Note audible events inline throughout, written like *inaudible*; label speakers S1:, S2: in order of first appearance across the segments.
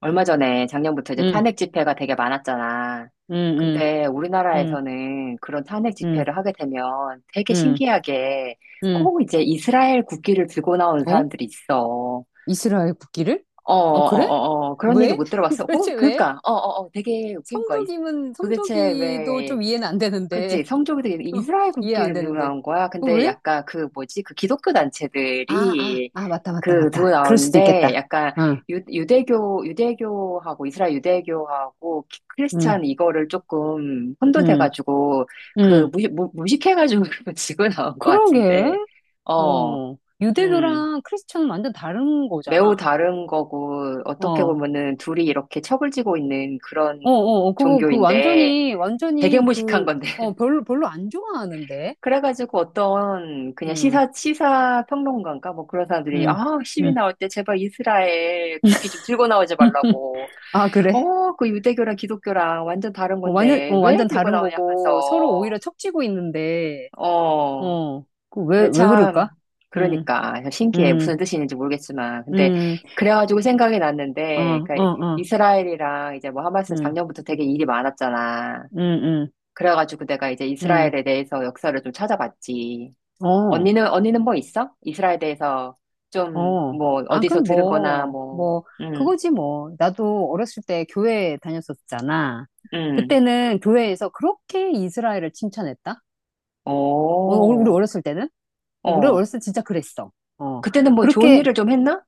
S1: 얼마 전에 작년부터 이제
S2: 응,
S1: 탄핵 집회가 되게 많았잖아.
S2: 응, 응,
S1: 근데
S2: 응,
S1: 우리나라에서는 그런 탄핵
S2: 응,
S1: 집회를 하게 되면 되게
S2: 응,
S1: 신기하게
S2: 응.
S1: 꼭 이제 이스라엘 국기를 들고 나오는
S2: 어?
S1: 사람들이 있어.
S2: 이스라엘 국기를?
S1: 어, 어,
S2: 어, 그래?
S1: 어, 어, 어. 그런 얘기
S2: 왜?
S1: 못 들어봤어?
S2: *laughs*
S1: 어?
S2: 도대체 왜?
S1: 그니까, 어, 어, 어, 되게 웃긴 거야.
S2: 성조기면,
S1: 도대체
S2: 성조기도
S1: 왜
S2: 좀 이해는 안 되는데.
S1: 그치, 성조기 되게 이스라엘
S2: *laughs* 이해 안
S1: 국기를 들고
S2: 되는데.
S1: 나온 거야.
S2: 어,
S1: 근데
S2: 왜?
S1: 약간 그 뭐지, 그 기독교
S2: 아, 아,
S1: 단체들이
S2: 아, 맞다, 맞다,
S1: 그 들고
S2: 맞다. 그럴 수도
S1: 나오는데
S2: 있겠다.
S1: 약간
S2: 응,
S1: 유대교, 유대교하고 이스라엘 유대교하고
S2: 응,
S1: 크리스찬 이거를 조금
S2: 응,
S1: 혼돈해가지고 그
S2: 응.
S1: 무식해가지고 *laughs* 지고 나온 것
S2: 그러게.
S1: 같은데, 어,
S2: 어.
S1: 음,
S2: 유대교랑 크리스천은 완전 다른
S1: 매우
S2: 거잖아.
S1: 다른 거고
S2: 어,
S1: 어떻게
S2: 어,
S1: 보면은 둘이 이렇게 척을 지고 있는 그런
S2: 어, 어. 그거, 그
S1: 종교인데
S2: 완전히,
S1: 되게
S2: 완전히
S1: 무식한
S2: 그,
S1: 건데.
S2: 어, 별로, 별로 안 좋아하는데.
S1: 그래가지고 어떤 그냥
S2: 응.
S1: 시사 평론가인가? 뭐 그런 사람들이,
S2: 응,
S1: 아, 시위
S2: 응.
S1: 나올 때 제발 이스라엘 국기 좀 들고 나오지 말라고.
S2: *laughs* 아, 그래?
S1: 어, 그 유대교랑 기독교랑 완전 다른
S2: 어, 완전,
S1: 건데
S2: 어,
S1: 왜
S2: 완전
S1: 들고
S2: 다른
S1: 나오냐
S2: 거고, 서로
S1: 하면서.
S2: 오히려 척지고 있는데,
S1: 어,
S2: 어, 그 왜,
S1: 근데
S2: 왜
S1: 참,
S2: 그럴까? 응,
S1: 그러니까. 신기해.
S2: 응,
S1: 무슨 뜻인지 모르겠지만. 근데
S2: 응,
S1: 그래가지고 생각이
S2: 어,
S1: 났는데,
S2: 어,
S1: 그러니까
S2: 어,
S1: 이스라엘이랑 이제 뭐 하마스
S2: 응,
S1: 작년부터 되게 일이 많았잖아.
S2: 응, 응,
S1: 그래가지고 내가 이제
S2: 응,
S1: 이스라엘에 대해서 역사를 좀 찾아봤지.
S2: 어,
S1: 언니는 뭐 있어? 이스라엘에 대해서 좀,
S2: 어.
S1: 뭐,
S2: 아,
S1: 어디서
S2: 그럼
S1: 들은 거나,
S2: 뭐,
S1: 뭐,
S2: 뭐,
S1: 음,
S2: 그거지 뭐. 나도 어렸을 때 교회 다녔었잖아.
S1: 음,
S2: 그때는 교회에서 그렇게 이스라엘을 칭찬했다? 어, 우리
S1: 오,
S2: 어렸을 때는? 어, 우리
S1: 어.
S2: 어렸을 때 진짜 그랬어. 어,
S1: 그때는 뭐 좋은
S2: 그렇게,
S1: 일을 좀 했나?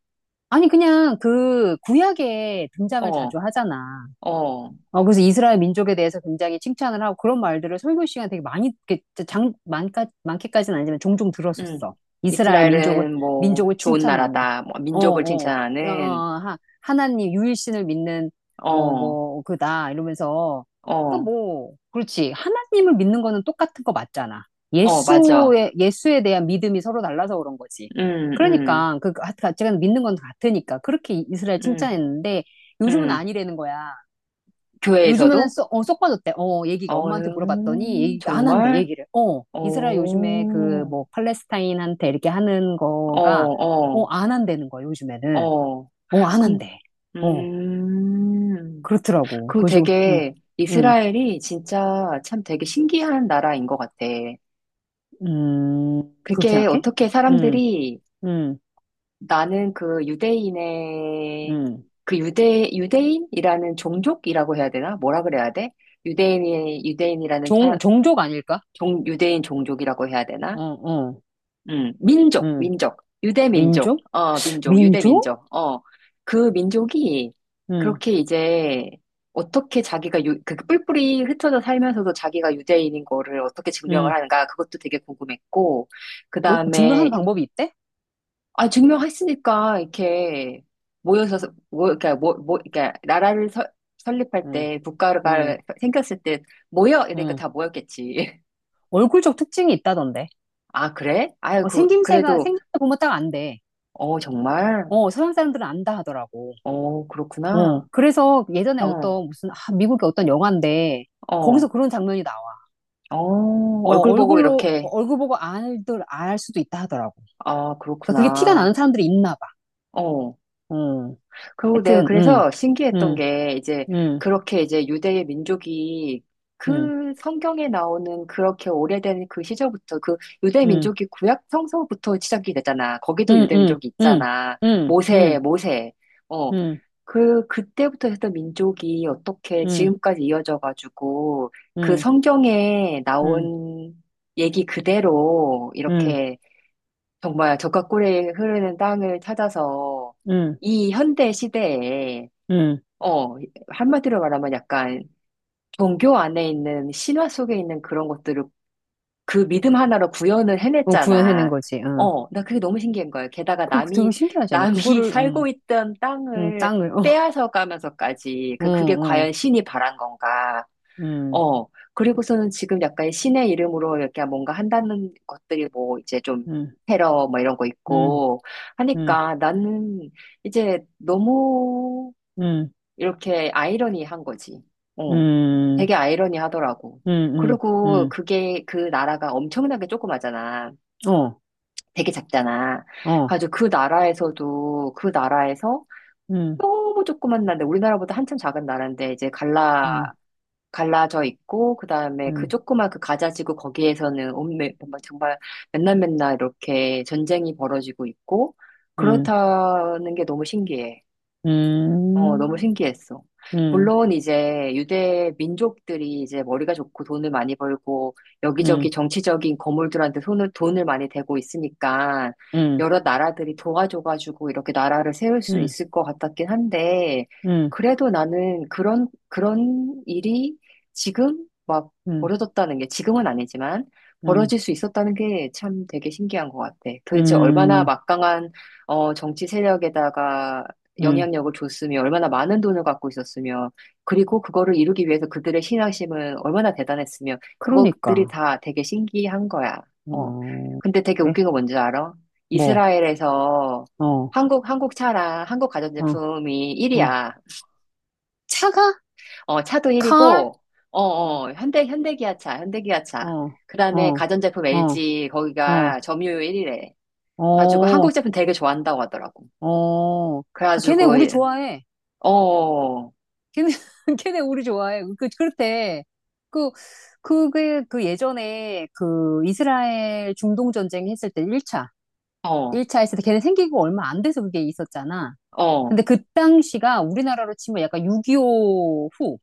S2: 아니, 그냥 그 구약에 등장을
S1: 어,
S2: 자주 하잖아.
S1: 어,
S2: 어, 그래서 이스라엘 민족에 대해서 굉장히 칭찬을 하고 그런 말들을 설교 시간 되게 많이, 이렇게 장, 많까, 많게까지는 아니지만 종종
S1: 음.
S2: 들었었어. 이스라엘 민족을,
S1: 이스라엘은 뭐
S2: 민족을
S1: 좋은
S2: 칭찬하는.
S1: 나라다. 뭐
S2: 어,
S1: 민족을
S2: 어, 어, 어,
S1: 칭찬하는,
S2: 하, 하나님, 유일신을 믿는, 어,
S1: 어,
S2: 뭐, 그다, 이러면서. 그러니까
S1: 어,
S2: 뭐, 그렇지. 하나님을 믿는 거는 똑같은 거 맞잖아.
S1: 어, 맞아.
S2: 예수에, 예수에 대한 믿음이 서로 달라서 그런 거지.
S1: 음, 음,
S2: 그러니까, 그, 가- 제가 믿는 건 같으니까. 그렇게 이스라엘
S1: 음,
S2: 칭찬했는데, 요즘은
S1: 음.
S2: 아니라는 거야. 요즘에는
S1: 교회에서도?
S2: 쏙, 어, 쏙 빠졌대. 어, 얘기가
S1: 어,
S2: 엄마한테 물어봤더니 얘기 안 한대,
S1: 정말?
S2: 얘기를. 어,
S1: 어,
S2: 이스라엘 요즘에 그
S1: 어,
S2: 뭐 팔레스타인한테 이렇게 하는 거가 어,
S1: 어,
S2: 안 한다는 거야, 요즘에는.
S1: 어.
S2: 어, 안 한대. 어,
S1: 음,
S2: 그렇더라고.
S1: 그
S2: 그래서
S1: 되게
S2: 음,
S1: 이스라엘이 진짜 참 되게 신기한 나라인 것 같아.
S2: 그렇게
S1: 그게
S2: 생각해?
S1: 어떻게
S2: 음,
S1: 사람들이
S2: 음,
S1: 나는 그 유대인의
S2: 음.
S1: 그 유대인이라는 종족이라고 해야 되나? 뭐라 그래야 돼? 유대인의 유대인이라는
S2: 종,
S1: 사람
S2: 종족 아닐까?
S1: 종 유대인 종족이라고 해야
S2: 어,
S1: 되나?
S2: 어, 음.
S1: 민족, 유대민족,
S2: 민족?
S1: 어, 민족,
S2: 민족?
S1: 유대민족, 어, 그 민족이
S2: 음,
S1: 그렇게 이제 어떻게 자기가 유, 그 뿔뿔이 흩어져 살면서도 자기가 유대인인 거를 어떻게 증명을
S2: 음.
S1: 하는가 그것도 되게 궁금했고, 그
S2: 어,
S1: 다음에,
S2: 증명하는 방법이 있대?
S1: 아, 증명했으니까 이렇게 모여서, 모, 그러니까, 모, 모, 그러니까 나라를 설립할
S2: 음,
S1: 때, 국가가
S2: 음,
S1: 생겼을 때 모여! 이러니까
S2: 음.
S1: 다 모였겠지. *laughs*
S2: 얼굴적 특징이 있다던데.
S1: 아, 그래? 아유,
S2: 어, 생김새가,
S1: 그래도,
S2: 생김새 보면 딱 안 돼.
S1: 어, 정말?
S2: 어, 서양 사람들은 안다 하더라고.
S1: 어, 그렇구나.
S2: 어, 그래서 예전에
S1: 어,
S2: 어떤 무슨, 아, 미국의 어떤 영화인데, 거기서
S1: 어,
S2: 그런 장면이 나와.
S1: 어,
S2: 어,
S1: 얼굴 보고
S2: 얼굴로, 어,
S1: 이렇게.
S2: 얼굴 보고 알들, 알 수도 있다 하더라고.
S1: 아,
S2: 그러니까 그게 티가
S1: 그렇구나.
S2: 나는 사람들이 있나 봐.
S1: 어,
S2: 어,
S1: 그리고 내가
S2: 하여튼,
S1: 그래서 신기했던
S2: 음,
S1: 게 이제
S2: 음,
S1: 그렇게 이제 유대의 민족이
S2: 음,
S1: 그 성경에 나오는 그렇게 오래된 그 시절부터 그 유대
S2: 음,
S1: 민족이 구약 성서부터 시작이 되잖아. 거기도
S2: 음,
S1: 유대
S2: 음,
S1: 민족이 있잖아.
S2: 음, 음,
S1: 모세.
S2: 음,
S1: 어.
S2: 음,
S1: 그 그때부터 했던 민족이 어떻게
S2: 음,
S1: 지금까지 이어져 가지고 그
S2: 음,
S1: 성경에
S2: 음, 음,
S1: 나온 얘기 그대로 이렇게 정말 적과 꿀이 흐르는 땅을 찾아서
S2: 음,
S1: 이 현대 시대에,
S2: 음,
S1: 어, 한마디로 말하면 약간 종교 안에 있는 신화 속에 있는 그런 것들을 그 믿음 하나로 구현을
S2: 어, 구현해낸
S1: 해냈잖아.
S2: 거지, 응.
S1: 어, 나 그게 너무 신기한 거야. 게다가
S2: 그거 되게
S1: 남이,
S2: 신기하지 않냐?
S1: 남이 *laughs*
S2: 그거를,
S1: 살고 있던 땅을
S2: 땅을, 어.
S1: 빼앗아 가면서까지,
S2: 응,
S1: 그게
S2: 응,
S1: 과연 신이 바란 건가.
S2: 응,
S1: 어, 그리고서는 지금 약간 신의 이름으로 이렇게 뭔가 한다는 것들이 뭐 이제 좀 테러 뭐 이런 거
S2: 응,
S1: 있고
S2: 응, 응,
S1: 하니까 나는 이제 너무
S2: 응,
S1: 이렇게 아이러니한 거지. 어,
S2: 응,
S1: 되게 아이러니하더라고.
S2: 응, 응,
S1: 그리고
S2: 응,
S1: 그게 그 나라가 엄청나게 조그마잖아.
S2: 어,
S1: 되게 작잖아.
S2: 어,
S1: 가지고 그 나라에서도 그 나라에서
S2: 응,
S1: 너무 조그만 나라인데 우리나라보다 한참 작은 나라인데 이제
S2: 응,
S1: 갈라져 있고 그다음에 그
S2: 응,
S1: 조그만 그 가자지구 거기에서는 온매 정말 정말 맨날 맨날 이렇게 전쟁이 벌어지고 있고
S2: 응,
S1: 그렇다는 게 너무 신기해.
S2: 응,
S1: 어, 너무
S2: 응,
S1: 신기했어.
S2: 응,
S1: 물론 이제 유대 민족들이 이제 머리가 좋고 돈을 많이 벌고 여기저기
S2: 응,
S1: 정치적인 거물들한테 돈을 많이 대고 있으니까
S2: 응,
S1: 여러 나라들이 도와줘가지고 이렇게 나라를 세울 수
S2: 응,
S1: 있을 것 같았긴 한데 그래도 나는 그런 일이 지금 막
S2: 응,
S1: 벌어졌다는 게 지금은 아니지만
S2: 응,
S1: 벌어질 수 있었다는 게 참 되게 신기한 것 같아. 도대체 얼마나
S2: 응,
S1: 막강한 어, 정치 세력에다가
S2: 응.
S1: 영향력을 줬으며 얼마나 많은 돈을 갖고 있었으며 그리고 그거를 이루기 위해서 그들의 신앙심은 얼마나 대단했으며 그것들이
S2: 그러니까,
S1: 다 되게 신기한 거야. 어.
S2: 어,
S1: 근데 되게
S2: 그래?
S1: 웃긴 거 뭔지 알아?
S2: 뭐,
S1: 이스라엘에서
S2: 어,
S1: 한국 차랑 한국
S2: 어,
S1: 가전제품이
S2: 어.
S1: 1위야.
S2: 차가?
S1: 어, 차도
S2: car?
S1: 1위고 어,
S2: 어,
S1: 어, 현대기아차, 현대기아차.
S2: 어,
S1: 그다음에
S2: 어,
S1: 가전제품
S2: 어,
S1: LG
S2: 어,
S1: 거기가 점유율 1위래. 가지고
S2: 어,
S1: 한국 제품 되게 좋아한다고 하더라고.
S2: 어. 아,
S1: 그래가지고
S2: 걔네 우리 좋아해.
S1: 어,
S2: 걔네, *laughs* 걔네 우리 좋아해. 그, 그렇대. 그, 그게, 그 예전에 그 이스라엘 중동 전쟁 했을 때 1차.
S1: 어,
S2: 일차 했을 때 걔네 생기고 얼마 안 돼서 그게 있었잖아.
S1: 어.
S2: 근데 그 당시가 우리나라로 치면 약간 6.25 후,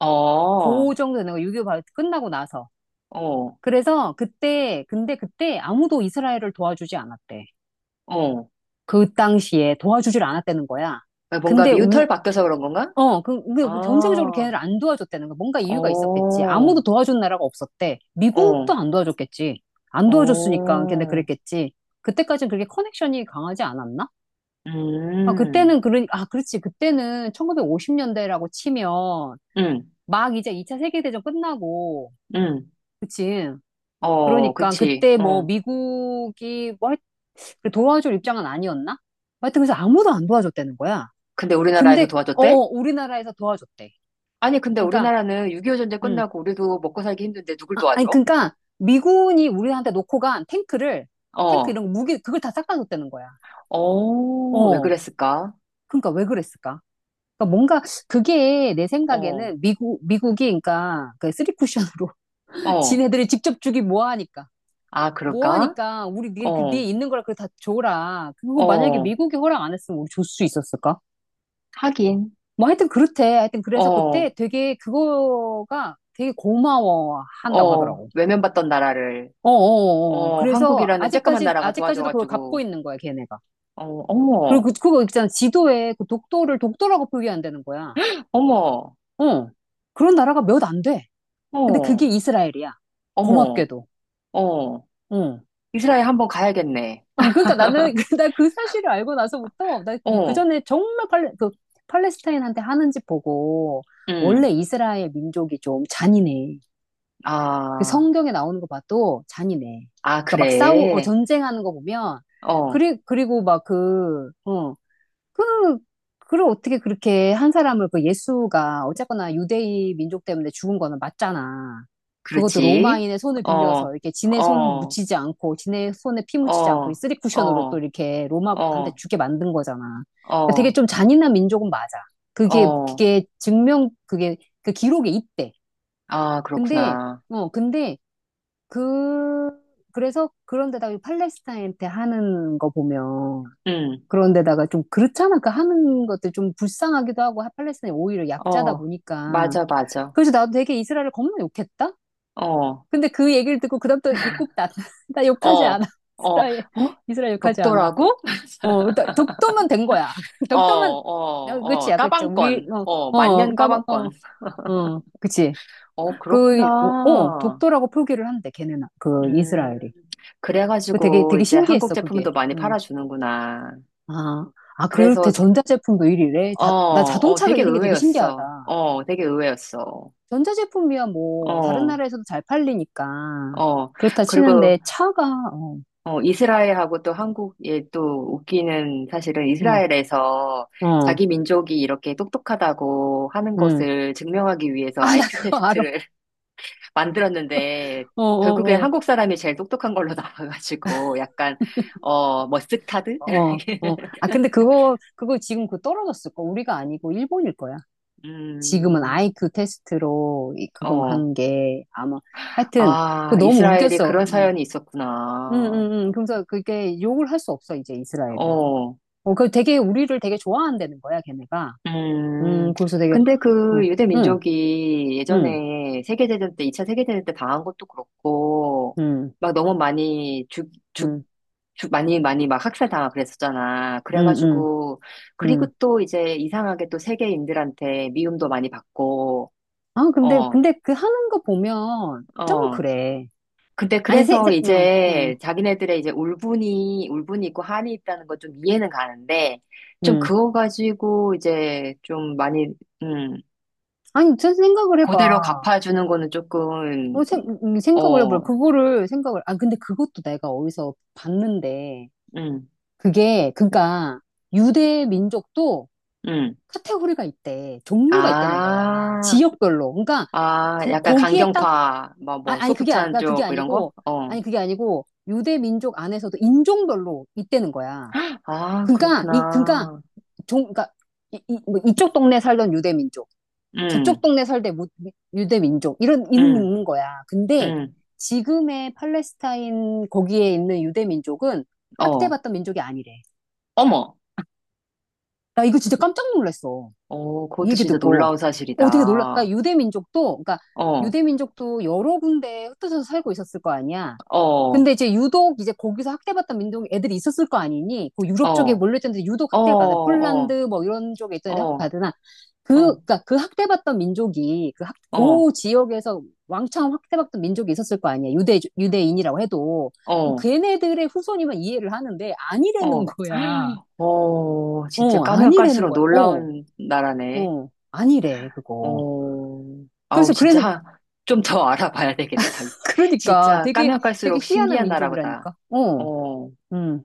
S1: 어,
S2: 그 정도 되는 거, 6.25 바로 끝나고 나서.
S1: 어,
S2: 그래서 그때, 근데 그때 아무도 이스라엘을 도와주지 않았대.
S1: 어.
S2: 그 당시에 도와주질 않았다는 거야.
S1: 아, 뭔가
S2: 근데
S1: 미우털
S2: 우-
S1: 바뀌어서 그런 건가?
S2: 어, 그, 그, 전세계적으로
S1: 아,
S2: 걔네를 안 도와줬다는 거. 뭔가 이유가 있었겠지.
S1: 어,
S2: 아무도 도와준 나라가 없었대.
S1: 어,
S2: 미국도 안 도와줬겠지. 안 도와줬으니까 걔네
S1: 어,
S2: 그랬겠지. 그때까지는 그렇게 커넥션이 강하지 않았나? 아,
S1: 음,
S2: 그때는, 그러, 아, 그렇지. 그때는 1950년대라고 치면
S1: 음,
S2: 막 이제 2차 세계대전 끝나고,
S1: 음.
S2: 그치.
S1: 어,
S2: 그러니까
S1: 그치.
S2: 그때 뭐
S1: 어.
S2: 미국이 뭐 하여- 그 도와줄 입장은 아니었나? 하여튼 그래서 아무도 안 도와줬다는 거야.
S1: 근데 우리나라에서
S2: 근데, 어,
S1: 도와줬대?
S2: 어, 우리나라에서 도와줬대.
S1: 아니, 근데
S2: 그러니까,
S1: 우리나라는 6.25 전쟁
S2: 음.
S1: 끝나고 우리도 먹고 살기 힘든데 누굴
S2: 아, 아니,
S1: 도와줘?
S2: 그러니까 미군이 우리한테 놓고 간 탱크를, 탱크
S1: 어,
S2: 이런 거, 무기, 그걸 다 싹다 줬다는 거야.
S1: 어, 왜
S2: 어.
S1: 그랬을까?
S2: 그러니까 왜 그랬을까? 그러니까 뭔가 그게 내
S1: 어,
S2: 생각에는 미국, 미국이 그러니까 그 쓰리쿠션으로 *laughs*
S1: 어.
S2: 지네들이 직접 주기 뭐하니까.
S1: 아, 그럴까?
S2: 뭐하니까 우리 네, 그 뒤에
S1: 어,
S2: 있는 거라 그걸 다 줘라. 그거 만약에
S1: 어.
S2: 미국이 허락 안 했으면 우리 줄 수 있었을까?
S1: 하긴,
S2: 뭐 하여튼 그렇대. 하여튼 그래서
S1: 어,
S2: 그때 되게 그거가 되게 고마워한다고
S1: 어.
S2: 하더라고.
S1: 외면받던 나라를.
S2: 어어어.
S1: 어,
S2: 그래서
S1: 한국이라는 쬐끄만
S2: 아직까지,
S1: 나라가
S2: 아직까지도 그걸 갚고
S1: 도와줘가지고,
S2: 있는 거야, 걔네가.
S1: 어,
S2: 그리고
S1: 어머,
S2: 그, 그거 있잖아. 지도에 그 독도를 독도라고 표기한다는 거야.
S1: 어머,
S2: 어. 그런 나라가 몇 안 돼. 근데 그게
S1: 어,
S2: 이스라엘이야.
S1: 어머,
S2: 고맙게도.
S1: 어,
S2: 어.
S1: 이스라엘 한번 가야겠네.
S2: 아, 그러니까 나는, *laughs* 나 그 사실을 알고 나서부터, 나 그
S1: 어,
S2: 전에 정말 팔레, 그, 팔레스타인한테 하는 짓 보고,
S1: 음,
S2: 원래 이스라엘 민족이 좀 잔인해. 그
S1: 아,
S2: 성경에 나오는 거 봐도 잔인해.
S1: 아,
S2: 그러니까 막 싸우, 어,
S1: 그래.
S2: 전쟁하는 거 보면,
S1: 어,
S2: 그리, 그리고 막 그, 어, 그, 그걸 어떻게 그렇게 한 사람을 그 예수가 어쨌거나 유대인 민족 때문에 죽은 거는 맞잖아. 그것도
S1: 그렇지.
S2: 로마인의 손을 빌려서
S1: 어,
S2: 이렇게 지네 손
S1: 어,
S2: 묻히지 않고 지네 손에 피 묻히지 않고 이
S1: 어,
S2: 쓰리 쿠션으로 또
S1: 어,
S2: 이렇게 로마한테
S1: 어,
S2: 주게 만든 거잖아. 그러니까 되게
S1: 어,
S2: 좀 잔인한 민족은 맞아. 그게
S1: 어,
S2: 그게 증명 그게 그 기록에 있대.
S1: 아,
S2: 근데
S1: 그렇구나.
S2: 어 근데 그 그래서 그런데다가 이 팔레스타인한테 하는 거 보면
S1: 음,
S2: 그런데다가 좀 그렇잖아. 그 하는 것들 좀 불쌍하기도 하고 팔레스타인이 오히려 약자다
S1: 어,
S2: 보니까.
S1: 맞아, 맞아.
S2: 그래서 나도 되게 이스라엘을 겁나 욕했다.
S1: 어,
S2: 근데 그 얘기를 듣고 그다음부터 입국 나, *laughs* 나
S1: 어,
S2: 욕하지 않아.
S1: 어,
S2: *laughs*
S1: 어?
S2: 이스라엘, 이스라엘 욕하지 않아.
S1: 독도라고?
S2: 어, 나- 독도만 된 거야. *laughs*
S1: 어, 어,
S2: 독도만, 어,
S1: 어,
S2: 그치야, 그치. 우리,
S1: 까방권.
S2: 어,
S1: 어,
S2: 어,
S1: 만년
S2: 그니까 뭐, 어,
S1: 까방권.
S2: 어, 그치.
S1: 어,
S2: 그, 어, 어,
S1: 그렇구나.
S2: 독도라고 표기를 한대, 걔네는. 그
S1: 음,
S2: 이스라엘이. 그 되게,
S1: 그래가지고
S2: 되게
S1: 이제 한국
S2: 신기했어, 그게.
S1: 제품도 많이
S2: 음.
S1: 팔아주는구나.
S2: 아, 아, 그렇대.
S1: 그래서,
S2: 전자제품도 이위래
S1: 어,
S2: 다, 나
S1: 어,
S2: 자동차가 이
S1: 되게
S2: 위인 게 되게 신기하다.
S1: 의외였어. 어, 되게 의외였어.
S2: 전자제품이야, 뭐, 다른
S1: 어,
S2: 나라에서도 잘 팔리니까.
S1: 어.
S2: 그렇다
S1: 그리고,
S2: 치는데, 차가, 어,
S1: 어, 이스라엘하고 또 한국이 또 웃기는 사실은
S2: 응,
S1: 이스라엘에서
S2: 어,
S1: 자기 민족이 이렇게 똑똑하다고 하는
S2: 응.
S1: 것을 증명하기 위해서
S2: 아, 나
S1: IQ
S2: 그거 알아.
S1: 테스트를 만들었는데
S2: 어,
S1: 결국엔
S2: 어, 어,
S1: 한국 사람이 제일 똑똑한 걸로 *laughs* 나와가지고 약간 어 머스타드?
S2: 어, 어.
S1: *laughs*
S2: 아, 근데 그거, 그거 지금 그 떨어졌을 거. 우리가 아니고 일본일 거야. 지금은
S1: 음,
S2: 아이큐 테스트로 이- 그건
S1: 어,
S2: 간 게, 아마. 하여튼,
S1: 아
S2: 그거 너무
S1: 이스라엘이
S2: 웃겼어.
S1: 그런 사연이
S2: 응, 응,
S1: 있었구나.
S2: 응. 그래서 그게 욕을 할 수 없어, 이제 이스라엘을.
S1: 어.
S2: 어, 그 되게 우리를 되게 좋아한다는 거야, 걔네가.
S1: 음,
S2: 그래서 되게,
S1: 근데 그
S2: 어,
S1: 유대
S2: 응,
S1: 민족이
S2: 응,
S1: 예전에 세계대전 때, 2차 세계대전 때 당한 것도 그렇고,
S2: 응,
S1: 막 너무 많이
S2: 응,
S1: 많이 막 학살당하고 그랬었잖아.
S2: 응, 응,
S1: 그래가지고, 그리고
S2: 응.
S1: 또 이제 이상하게 또 세계인들한테 미움도 많이 받고,
S2: 아, 근데,
S1: 어,
S2: 근데 그 하는 거 보면 좀
S1: 어.
S2: 그래.
S1: 근데
S2: 아니, 세,
S1: 그래서
S2: 세, 응, 응,
S1: 이제 자기네들의 이제 울분이 있고 한이 있다는 건 좀 이해는 가는데, 좀
S2: 응.
S1: 그거 가지고 이제 좀 많이, 음.
S2: 아니, 저 생각을
S1: 그대로
S2: 해봐.
S1: 갚아주는 거는 조금,
S2: 어, 생, 생각을
S1: 어,
S2: 해봐. 그거를 생각을, 아, 근데 그것도 내가 어디서 봤는데,
S1: 음,
S2: 그게, 그니까, 유대 민족도
S1: 음.
S2: 카테고리가 있대. 종류가 있다는 거야.
S1: 아,
S2: 지역별로. 그러니까,
S1: 아,
S2: 그,
S1: 약간
S2: 거기에 딱
S1: 강경파, 뭐,
S2: 아,
S1: 뭐,
S2: 아니 그게 아니
S1: 소프트한
S2: 그러니까 그게
S1: 쪽뭐 이런 거?
S2: 아니고
S1: 어.
S2: 아니 그게 아니고 유대 민족 안에서도 인종별로 있다는 거야.
S1: 아,
S2: 그러니까 이 그러니까
S1: 그렇구나.
S2: 종 그러니까 이, 이, 뭐 이쪽 동네 살던 유대 민족, 저쪽
S1: 음,
S2: 동네 살던 무- 유대 민족 이런 이는
S1: 음,
S2: 있는 거야. 근데
S1: 음,
S2: 지금의 팔레스타인 거기에 있는 유대 민족은
S1: 어.
S2: 학대받던 민족이 아니래.
S1: 어머!
S2: 나 이거 진짜 깜짝 놀랐어.
S1: 어,
S2: 이
S1: 그것도
S2: 얘기
S1: 진짜
S2: 듣고
S1: 놀라운
S2: 어 되게 놀랄까
S1: 사실이다.
S2: 유대 민족도 그러니까
S1: 어,
S2: 유대 민족도 여러 군데 흩어져서 살고 있었을 거 아니야.
S1: 어, 어,
S2: 근데 이제 유독 이제 거기서 학대받던 민족 애들이 있었을 거 아니니 그
S1: 어,
S2: 유럽 쪽에
S1: 어,
S2: 몰려있던데 유독 학대를 받아
S1: 어,
S2: 폴란드 뭐 이런 쪽에 있던 애들
S1: 어,
S2: 학대받으나 그
S1: 어,
S2: 그러니까 그 학대받던 민족이 그 학, 그 지역에서 왕창 학대받던 민족이 있었을 거 아니야 유대 유대인이라고 해도
S1: 어,
S2: 걔네들의 후손이면 이해를 하는데 아니라는
S1: 어.
S2: 거야
S1: *gasps* 어, 진짜
S2: 어
S1: 까면
S2: 아니라는
S1: 깔수록
S2: 거야 어
S1: 놀라운 나라네.
S2: 어, 아니래 그거
S1: 어, 아우,
S2: 그래서 그래서
S1: 진짜 좀 더 *laughs* 알아봐야 되겠다.
S2: 그러니까
S1: 진짜
S2: 되게
S1: 까면
S2: 되게
S1: 깔수록
S2: 희한한
S1: 신기한 나라보다.
S2: 민족이라니까 어
S1: 어.
S2: 음.